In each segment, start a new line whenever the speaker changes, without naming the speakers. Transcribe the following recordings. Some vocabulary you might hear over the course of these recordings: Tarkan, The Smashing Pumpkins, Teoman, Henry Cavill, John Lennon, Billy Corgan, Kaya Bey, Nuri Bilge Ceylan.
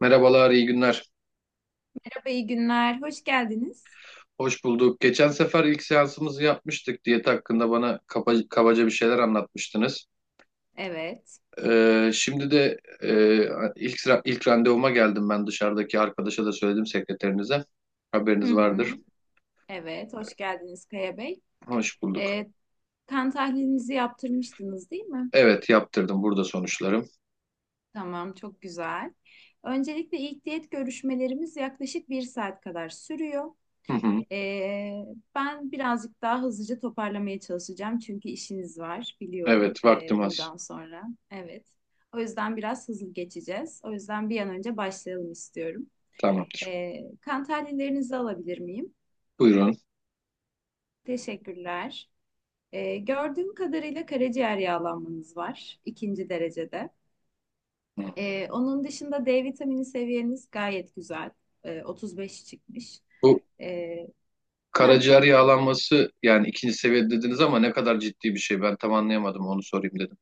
Merhabalar, iyi günler.
Merhaba, iyi günler. Hoş geldiniz.
Hoş bulduk. Geçen sefer ilk seansımızı yapmıştık. Diyet hakkında bana kabaca bir şeyler anlatmıştınız.
Evet.
Şimdi de e, ilk randevuma geldim ben dışarıdaki arkadaşa da söyledim sekreterinize.
Hı
Haberiniz vardır.
hı. Evet, hoş geldiniz Kaya Bey.
Hoş bulduk.
Ee, kan tahlilinizi yaptırmıştınız değil mi?
Evet, yaptırdım. Burada sonuçlarım.
Tamam, çok güzel. Öncelikle ilk diyet görüşmelerimiz yaklaşık bir saat kadar sürüyor.
Hı hı.
Ee, ben birazcık daha hızlıca toparlamaya çalışacağım çünkü işiniz var biliyorum
Evet, vaktim az.
buradan sonra. Evet. O yüzden biraz hızlı geçeceğiz. O yüzden bir an önce başlayalım istiyorum.
Tamamdır.
Kan tahlillerinizi alabilir miyim?
Buyurun.
Teşekkürler. Gördüğüm kadarıyla karaciğer yağlanmanız var ikinci derecede.
Hı.
Onun dışında D vitamini seviyeniz gayet güzel. 35 çıkmış.
Bu
Ee, heh,
karaciğer yağlanması yani ikinci seviye dediniz ama ne kadar ciddi bir şey ben tam anlayamadım onu sorayım dedim.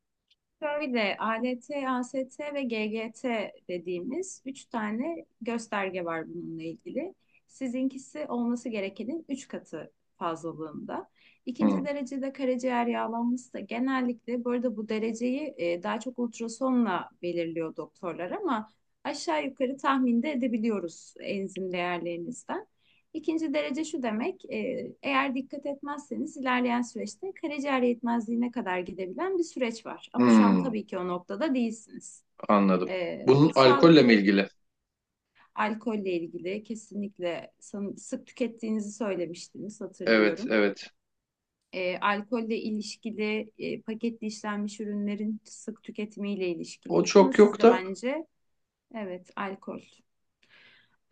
Şöyle ALT, AST ve GGT dediğimiz üç tane gösterge var bununla ilgili. Sizinkisi olması gerekenin üç katı fazlalığında. İkinci
Hı.
derecede karaciğer yağlanması da genellikle bu arada bu dereceyi daha çok ultrasonla belirliyor doktorlar ama aşağı yukarı tahminde edebiliyoruz enzim değerlerinizden. İkinci derece şu demek, eğer dikkat etmezseniz ilerleyen süreçte karaciğer yetmezliğine kadar gidebilen bir süreç var. Ama şu an
Hı.
tabii ki o noktada değilsiniz.
Anladım.
E,
Bunun alkolle mi
sağlıklı
ilgili?
alkolle ilgili kesinlikle sık tükettiğinizi söylemiştiniz
Evet,
hatırlıyorum.
evet.
Alkolle ilişkili paketli işlenmiş ürünlerin sık tüketimiyle ilişkili.
O
Ama
çok
siz
yok
de
da.
bence evet, alkol.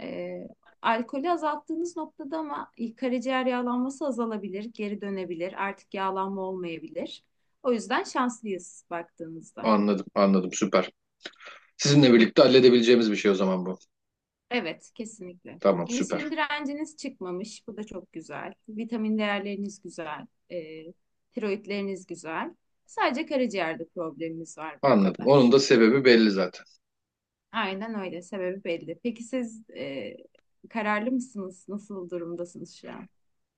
E, alkolü azalttığınız noktada ama karaciğer yağlanması azalabilir, geri dönebilir, artık yağlanma olmayabilir. O yüzden şanslıyız baktığınızda.
Anladım, anladım. Süper. Sizinle birlikte halledebileceğimiz bir şey o zaman bu.
Evet, kesinlikle.
Tamam, süper.
İnsülin direnciniz çıkmamış. Bu da çok güzel. Vitamin değerleriniz güzel. Tiroidleriniz güzel. Sadece karaciğerde problemimiz var. O
Anladım.
kadar.
Onun da sebebi belli zaten.
Aynen öyle. Sebebi belli. Peki siz kararlı mısınız? Nasıl durumdasınız şu an?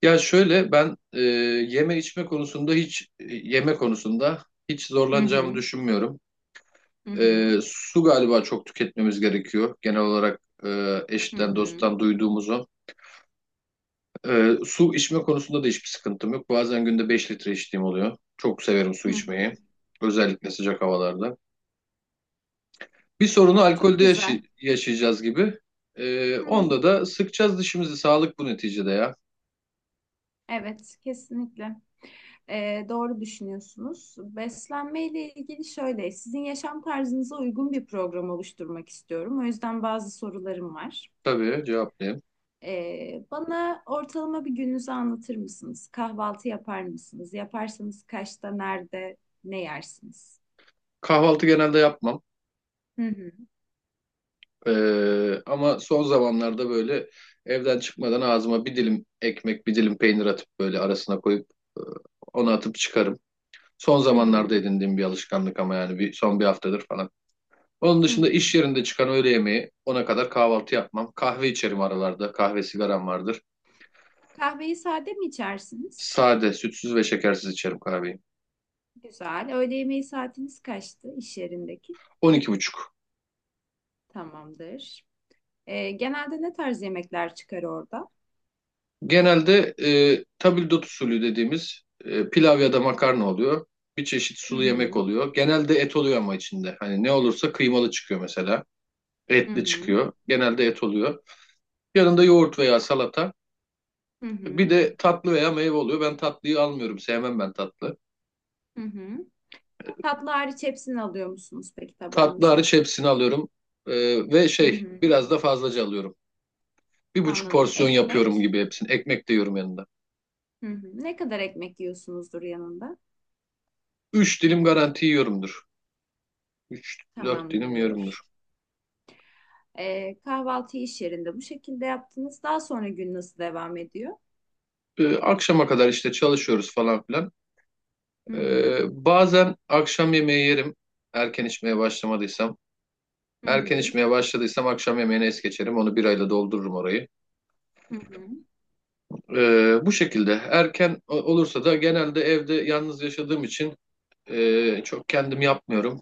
Ya şöyle ben yeme içme konusunda hiç yeme konusunda hiç
Hı hı.
zorlanacağımı düşünmüyorum.
Hı hı.
Su galiba çok tüketmemiz gerekiyor. Genel olarak
Hı
eşten
hı.
dosttan duyduğumuzu. Su içme konusunda da hiçbir sıkıntım yok. Bazen günde 5 litre içtiğim oluyor. Çok severim su
Hı hı.
içmeyi. Özellikle sıcak havalarda. Bir sorunu
Çok
alkolde
güzel.
yaşayacağız gibi.
Hı hı.
Onda da sıkacağız dişimizi. Sağlık bu neticede ya.
Evet, kesinlikle. Doğru düşünüyorsunuz. Beslenme ile ilgili şöyle, sizin yaşam tarzınıza uygun bir program oluşturmak istiyorum. O yüzden bazı sorularım var.
Tabii cevaplayayım.
Bana ortalama bir gününüzü anlatır mısınız? Kahvaltı yapar mısınız? Yaparsanız kaçta, nerede, ne yersiniz?
Kahvaltı genelde yapmam.
Hı hı.
Ama son zamanlarda böyle evden çıkmadan ağzıma bir dilim ekmek, bir dilim peynir atıp böyle arasına koyup e, onu atıp çıkarım. Son
Hı hı.
zamanlarda edindiğim bir alışkanlık ama yani son bir haftadır falan. Onun
Hı
dışında
hı.
iş yerinde çıkan öğle yemeği, ona kadar kahvaltı yapmam. Kahve içerim aralarda. Kahve sigaram vardır.
Kahveyi sade mi içersiniz?
Sade, sütsüz ve şekersiz içerim kahveyi.
Güzel. Öğle yemeği saatiniz kaçtı iş yerindeki?
12:30.
Tamamdır. Genelde ne tarz yemekler çıkar orada?
Genelde tabldot usulü dediğimiz pilav ya da makarna oluyor. Bir çeşit
Hı
sulu
hı,
yemek oluyor. Genelde et oluyor ama içinde. Hani ne olursa kıymalı çıkıyor mesela.
hı
Etli
hı,
çıkıyor. Genelde et oluyor. Yanında yoğurt veya salata.
hı hı,
Bir de tatlı veya meyve oluyor. Ben tatlıyı almıyorum. Sevmem ben tatlı.
hı hı. Tatlı hariç hepsini alıyor musunuz peki
Tatlı
tabağınızı?
hariç hepsini alıyorum. Ee, ve
Hı
şey
hı,
biraz da fazlaca alıyorum. Bir buçuk
anladım.
porsiyon yapıyorum
Ekmek.
gibi hepsini. Ekmek de yiyorum yanında.
Hı hı. Ne kadar ekmek yiyorsunuzdur yanında?
3 dilim garanti yiyorumdur. 3, 4 dilim yiyorumdur.
Tamamdır. Kahvaltıyı iş yerinde bu şekilde yaptınız. Daha sonra gün nasıl devam ediyor?
Akşama kadar işte çalışıyoruz falan filan.
Hı hı,
Bazen akşam yemeği yerim. Erken içmeye başlamadıysam.
hı
Erken
hı,
içmeye başladıysam akşam yemeğini es geçerim. Onu birayla doldururum orayı.
hı hı,
Bu şekilde erken olursa da genelde evde yalnız yaşadığım için çok kendim yapmıyorum.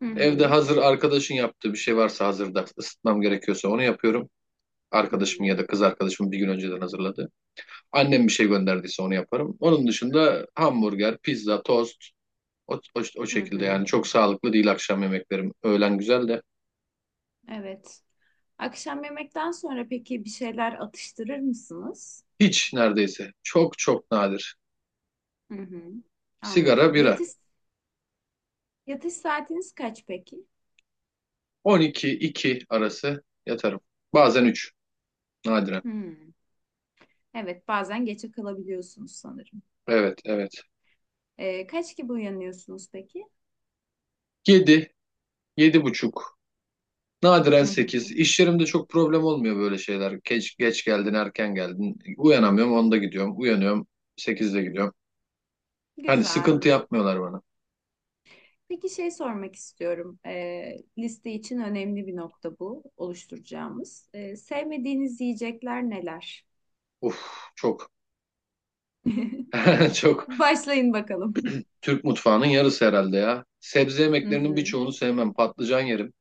hı hı,
Evde hazır arkadaşın yaptığı bir şey varsa hazırda ısıtmam gerekiyorsa onu yapıyorum.
hı
Arkadaşım ya
hı,
da kız arkadaşım bir gün önceden hazırladı. Annem bir şey gönderdiyse onu yaparım. Onun dışında hamburger, pizza, tost o
hı
şekilde
hı.
yani çok sağlıklı değil akşam yemeklerim. Öğlen güzel de
Evet. Akşam yemekten sonra peki bir şeyler atıştırır mısınız?
hiç neredeyse çok çok nadir.
Hı hı.
Sigara,
Anladım.
bira.
Yatış saatiniz kaç peki?
12-2 arası yatarım. Bazen üç, nadiren.
Hmm. Evet, bazen geçe kalabiliyorsunuz sanırım.
Evet evet.
Kaç gibi uyanıyorsunuz peki?
7, 7 buçuk. Nadiren
Hı hı.
8. İş yerimde çok problem olmuyor böyle şeyler. Geç, geç geldin, erken geldin. Uyanamıyorum, 10'da gidiyorum. Uyanıyorum, 8'de gidiyorum. Hani
Güzel.
sıkıntı yapmıyorlar bana.
Peki şey sormak istiyorum. Liste için önemli bir nokta bu oluşturacağımız. Sevmediğiniz yiyecekler neler?
Uf, çok. Çok.
Başlayın bakalım.
Türk mutfağının yarısı herhalde ya. Sebze
Hı
yemeklerinin
hı.
birçoğunu sevmem. Patlıcan yerim.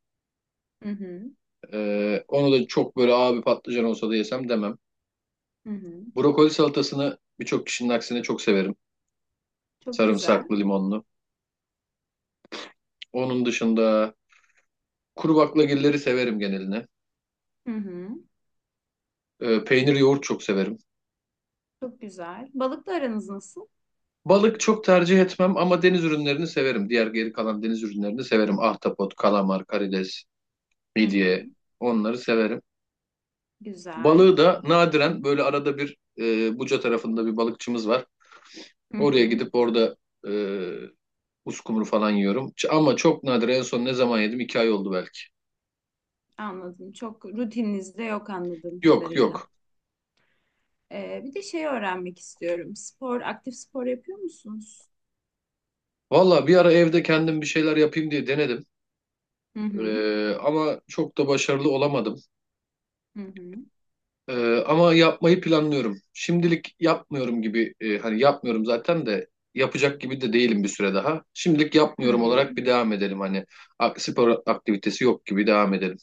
Hı hı.
Onu da çok böyle abi patlıcan olsa da yesem demem.
Hı hı.
Brokoli salatasını birçok kişinin aksine çok severim.
Çok güzel.
Sarımsaklı, limonlu. Onun dışında kuru baklagilleri severim geneline.
Hı hı.
Peynir, yoğurt çok severim.
Çok güzel. Balıkla aranız nasıl?
Balık çok tercih etmem ama deniz ürünlerini severim. Diğer geri kalan deniz ürünlerini severim. Ahtapot, kalamar, karides,
Hı hı.
midye onları severim.
Güzel.
Balığı da nadiren böyle arada bir Buca tarafında bir balıkçımız var.
Hı
Oraya
hı.
gidip orada e, uskumru falan yiyorum. Ama çok nadir en son ne zaman yedim? 2 ay oldu belki.
Anladım. Çok rutininizde yok anladığım
Yok
kadarıyla.
yok.
Bir de şey öğrenmek istiyorum. Spor, aktif spor yapıyor musunuz?
Valla bir ara evde kendim bir şeyler yapayım diye denedim.
Hı hı.
Ama çok da başarılı olamadım.
Hı hı.
Ama yapmayı planlıyorum. Şimdilik yapmıyorum gibi hani yapmıyorum zaten de yapacak gibi de değilim bir süre daha. Şimdilik
Hı
yapmıyorum
hı.
olarak bir devam edelim hani spor aktivitesi yok gibi devam edelim.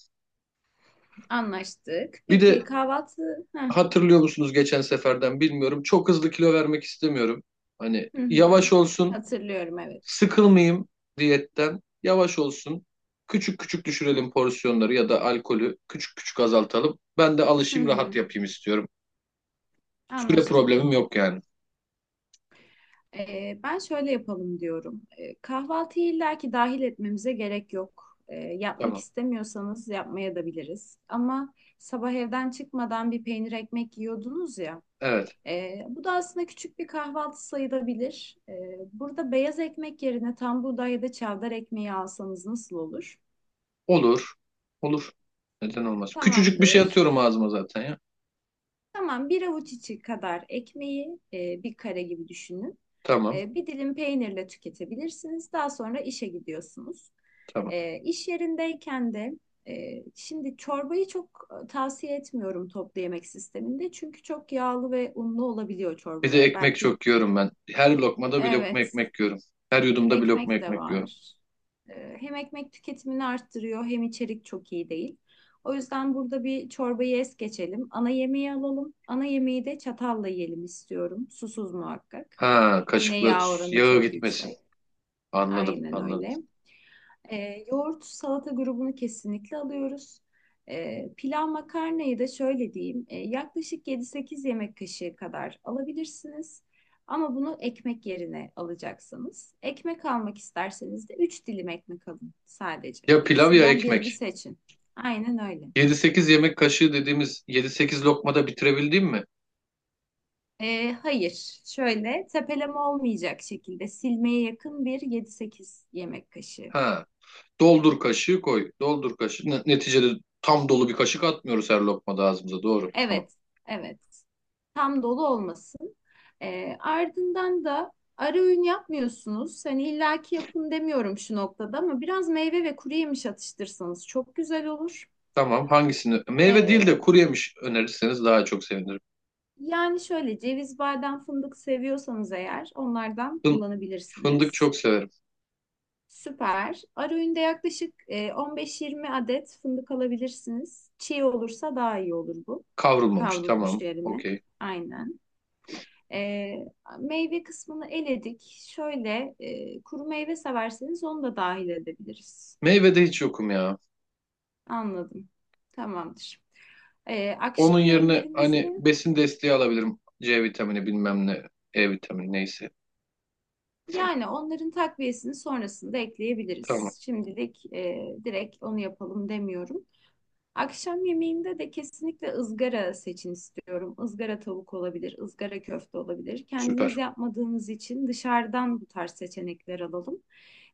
Anlaştık.
Bir
Peki
de
kahvaltı?
hatırlıyor musunuz geçen seferden bilmiyorum. Çok hızlı kilo vermek istemiyorum. Hani
Hı hı.
yavaş olsun,
Hatırlıyorum evet.
sıkılmayayım diyetten. Yavaş olsun. Küçük küçük düşürelim porsiyonları ya da alkolü küçük küçük azaltalım. Ben de
Hı
alışayım, rahat
hı.
yapayım istiyorum. Süre
Anlaştık.
problemim yok yani.
Ben şöyle yapalım diyorum. Kahvaltıyı illaki dahil etmemize gerek yok. Yapmak
Tamam.
istemiyorsanız yapmaya da biliriz. Ama sabah evden çıkmadan bir peynir ekmek yiyordunuz ya.
Evet.
Bu da aslında küçük bir kahvaltı sayılabilir. Burada beyaz ekmek yerine tam buğday ya da çavdar ekmeği alsanız nasıl olur?
Olur. Olur. Neden olmaz? Küçücük bir şey
Tamamdır.
atıyorum ağzıma zaten ya.
Tamam, bir avuç içi kadar ekmeği bir kare gibi düşünün.
Tamam,
Bir dilim peynirle tüketebilirsiniz. Daha sonra işe gidiyorsunuz.
tamam.
İş yerindeyken de şimdi çorbayı çok tavsiye etmiyorum toplu yemek sisteminde. Çünkü çok yağlı ve unlu olabiliyor
Bir de
çorbalar.
ekmek
Belki,
çok yiyorum ben. Her lokmada bir lokma
evet,
ekmek yiyorum. Her yudumda bir lokma
ekmek de
ekmek yiyorum.
var. Hem ekmek tüketimini arttırıyor hem içerik çok iyi değil. O yüzden burada bir çorbayı es geçelim. Ana yemeği alalım. Ana yemeği de çatalla yiyelim istiyorum. Susuz muhakkak.
Ha,
Yine
kaşıkla
yağ oranı
yağı
çok
gitmesin.
yüksek.
Anladım,
Aynen
anladım.
öyle. Yoğurt salata grubunu kesinlikle alıyoruz. Pilav makarnayı da şöyle diyeyim. Yaklaşık 7-8 yemek kaşığı kadar alabilirsiniz. Ama bunu ekmek yerine alacaksınız. Ekmek almak isterseniz de 3 dilim ekmek alın sadece.
Ya pilav ya
İkisinden birini
ekmek.
seçin. Aynen öyle.
Yedi sekiz yemek kaşığı dediğimiz yedi sekiz lokmada bitirebildim mi?
Hayır, şöyle tepeleme olmayacak şekilde silmeye yakın bir 7-8 yemek kaşığı.
Ha, doldur kaşığı koy. Doldur kaşığı. Neticede tam dolu bir kaşık atmıyoruz her lokmada ağzımıza. Doğru. Tamam.
Evet, evet. Tam dolu olmasın. Ardından da ara öğün yapmıyorsunuz. Hani illaki yapın demiyorum şu noktada ama biraz meyve ve kuru yemiş atıştırsanız çok güzel olur.
Tamam. Hangisini? Meyve değil de
E,
kuru yemiş önerirseniz daha çok sevinirim.
yani şöyle ceviz, badem, fındık seviyorsanız eğer onlardan
Fın- Fındık
kullanabilirsiniz.
çok severim.
Süper. Ara öğünde yaklaşık 15-20 adet fındık alabilirsiniz. Çiğ olursa daha iyi olur bu.
Kavrulmamış
Kavrulmuş
tamam
yerine.
okey.
Aynen. E, meyve kısmını eledik. Şöyle kuru meyve severseniz onu da dahil edebiliriz.
Meyvede hiç yokum ya.
Anladım. Tamamdır.
Onun
Akşam
yerine hani
öğünlerimizi
besin desteği alabilirim. C vitamini bilmem ne. E vitamini neyse.
yani onların takviyesini sonrasında
Tamam
ekleyebiliriz. Şimdilik direkt onu yapalım demiyorum. Akşam yemeğinde de kesinlikle ızgara seçin istiyorum. Izgara tavuk olabilir, ızgara köfte olabilir. Kendiniz
süper.
yapmadığınız için dışarıdan bu tarz seçenekler alalım.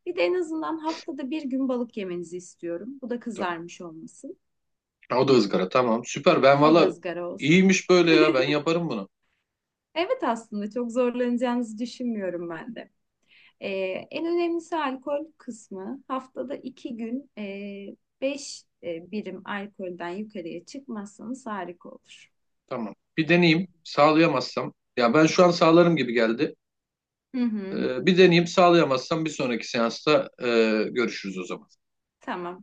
Bir de en azından haftada bir gün balık yemenizi istiyorum. Bu da
Tamam.
kızarmış olmasın.
Ha, o da ızgara tamam süper. Ben
O da
valla
ızgara olsun.
iyiymiş böyle ya ben yaparım bunu.
Evet, aslında çok zorlanacağınızı düşünmüyorum ben de. Ee, en önemlisi alkol kısmı. Haftada 2 gün 5 birim alkolden yukarıya çıkmazsanız harika olur.
Tamam bir deneyeyim sağlayamazsam. Ya ben şu an sağlarım gibi geldi.
Hı hı,
Bir deneyeyim sağlayamazsam bir sonraki seansta görüşürüz o zaman.
tamam.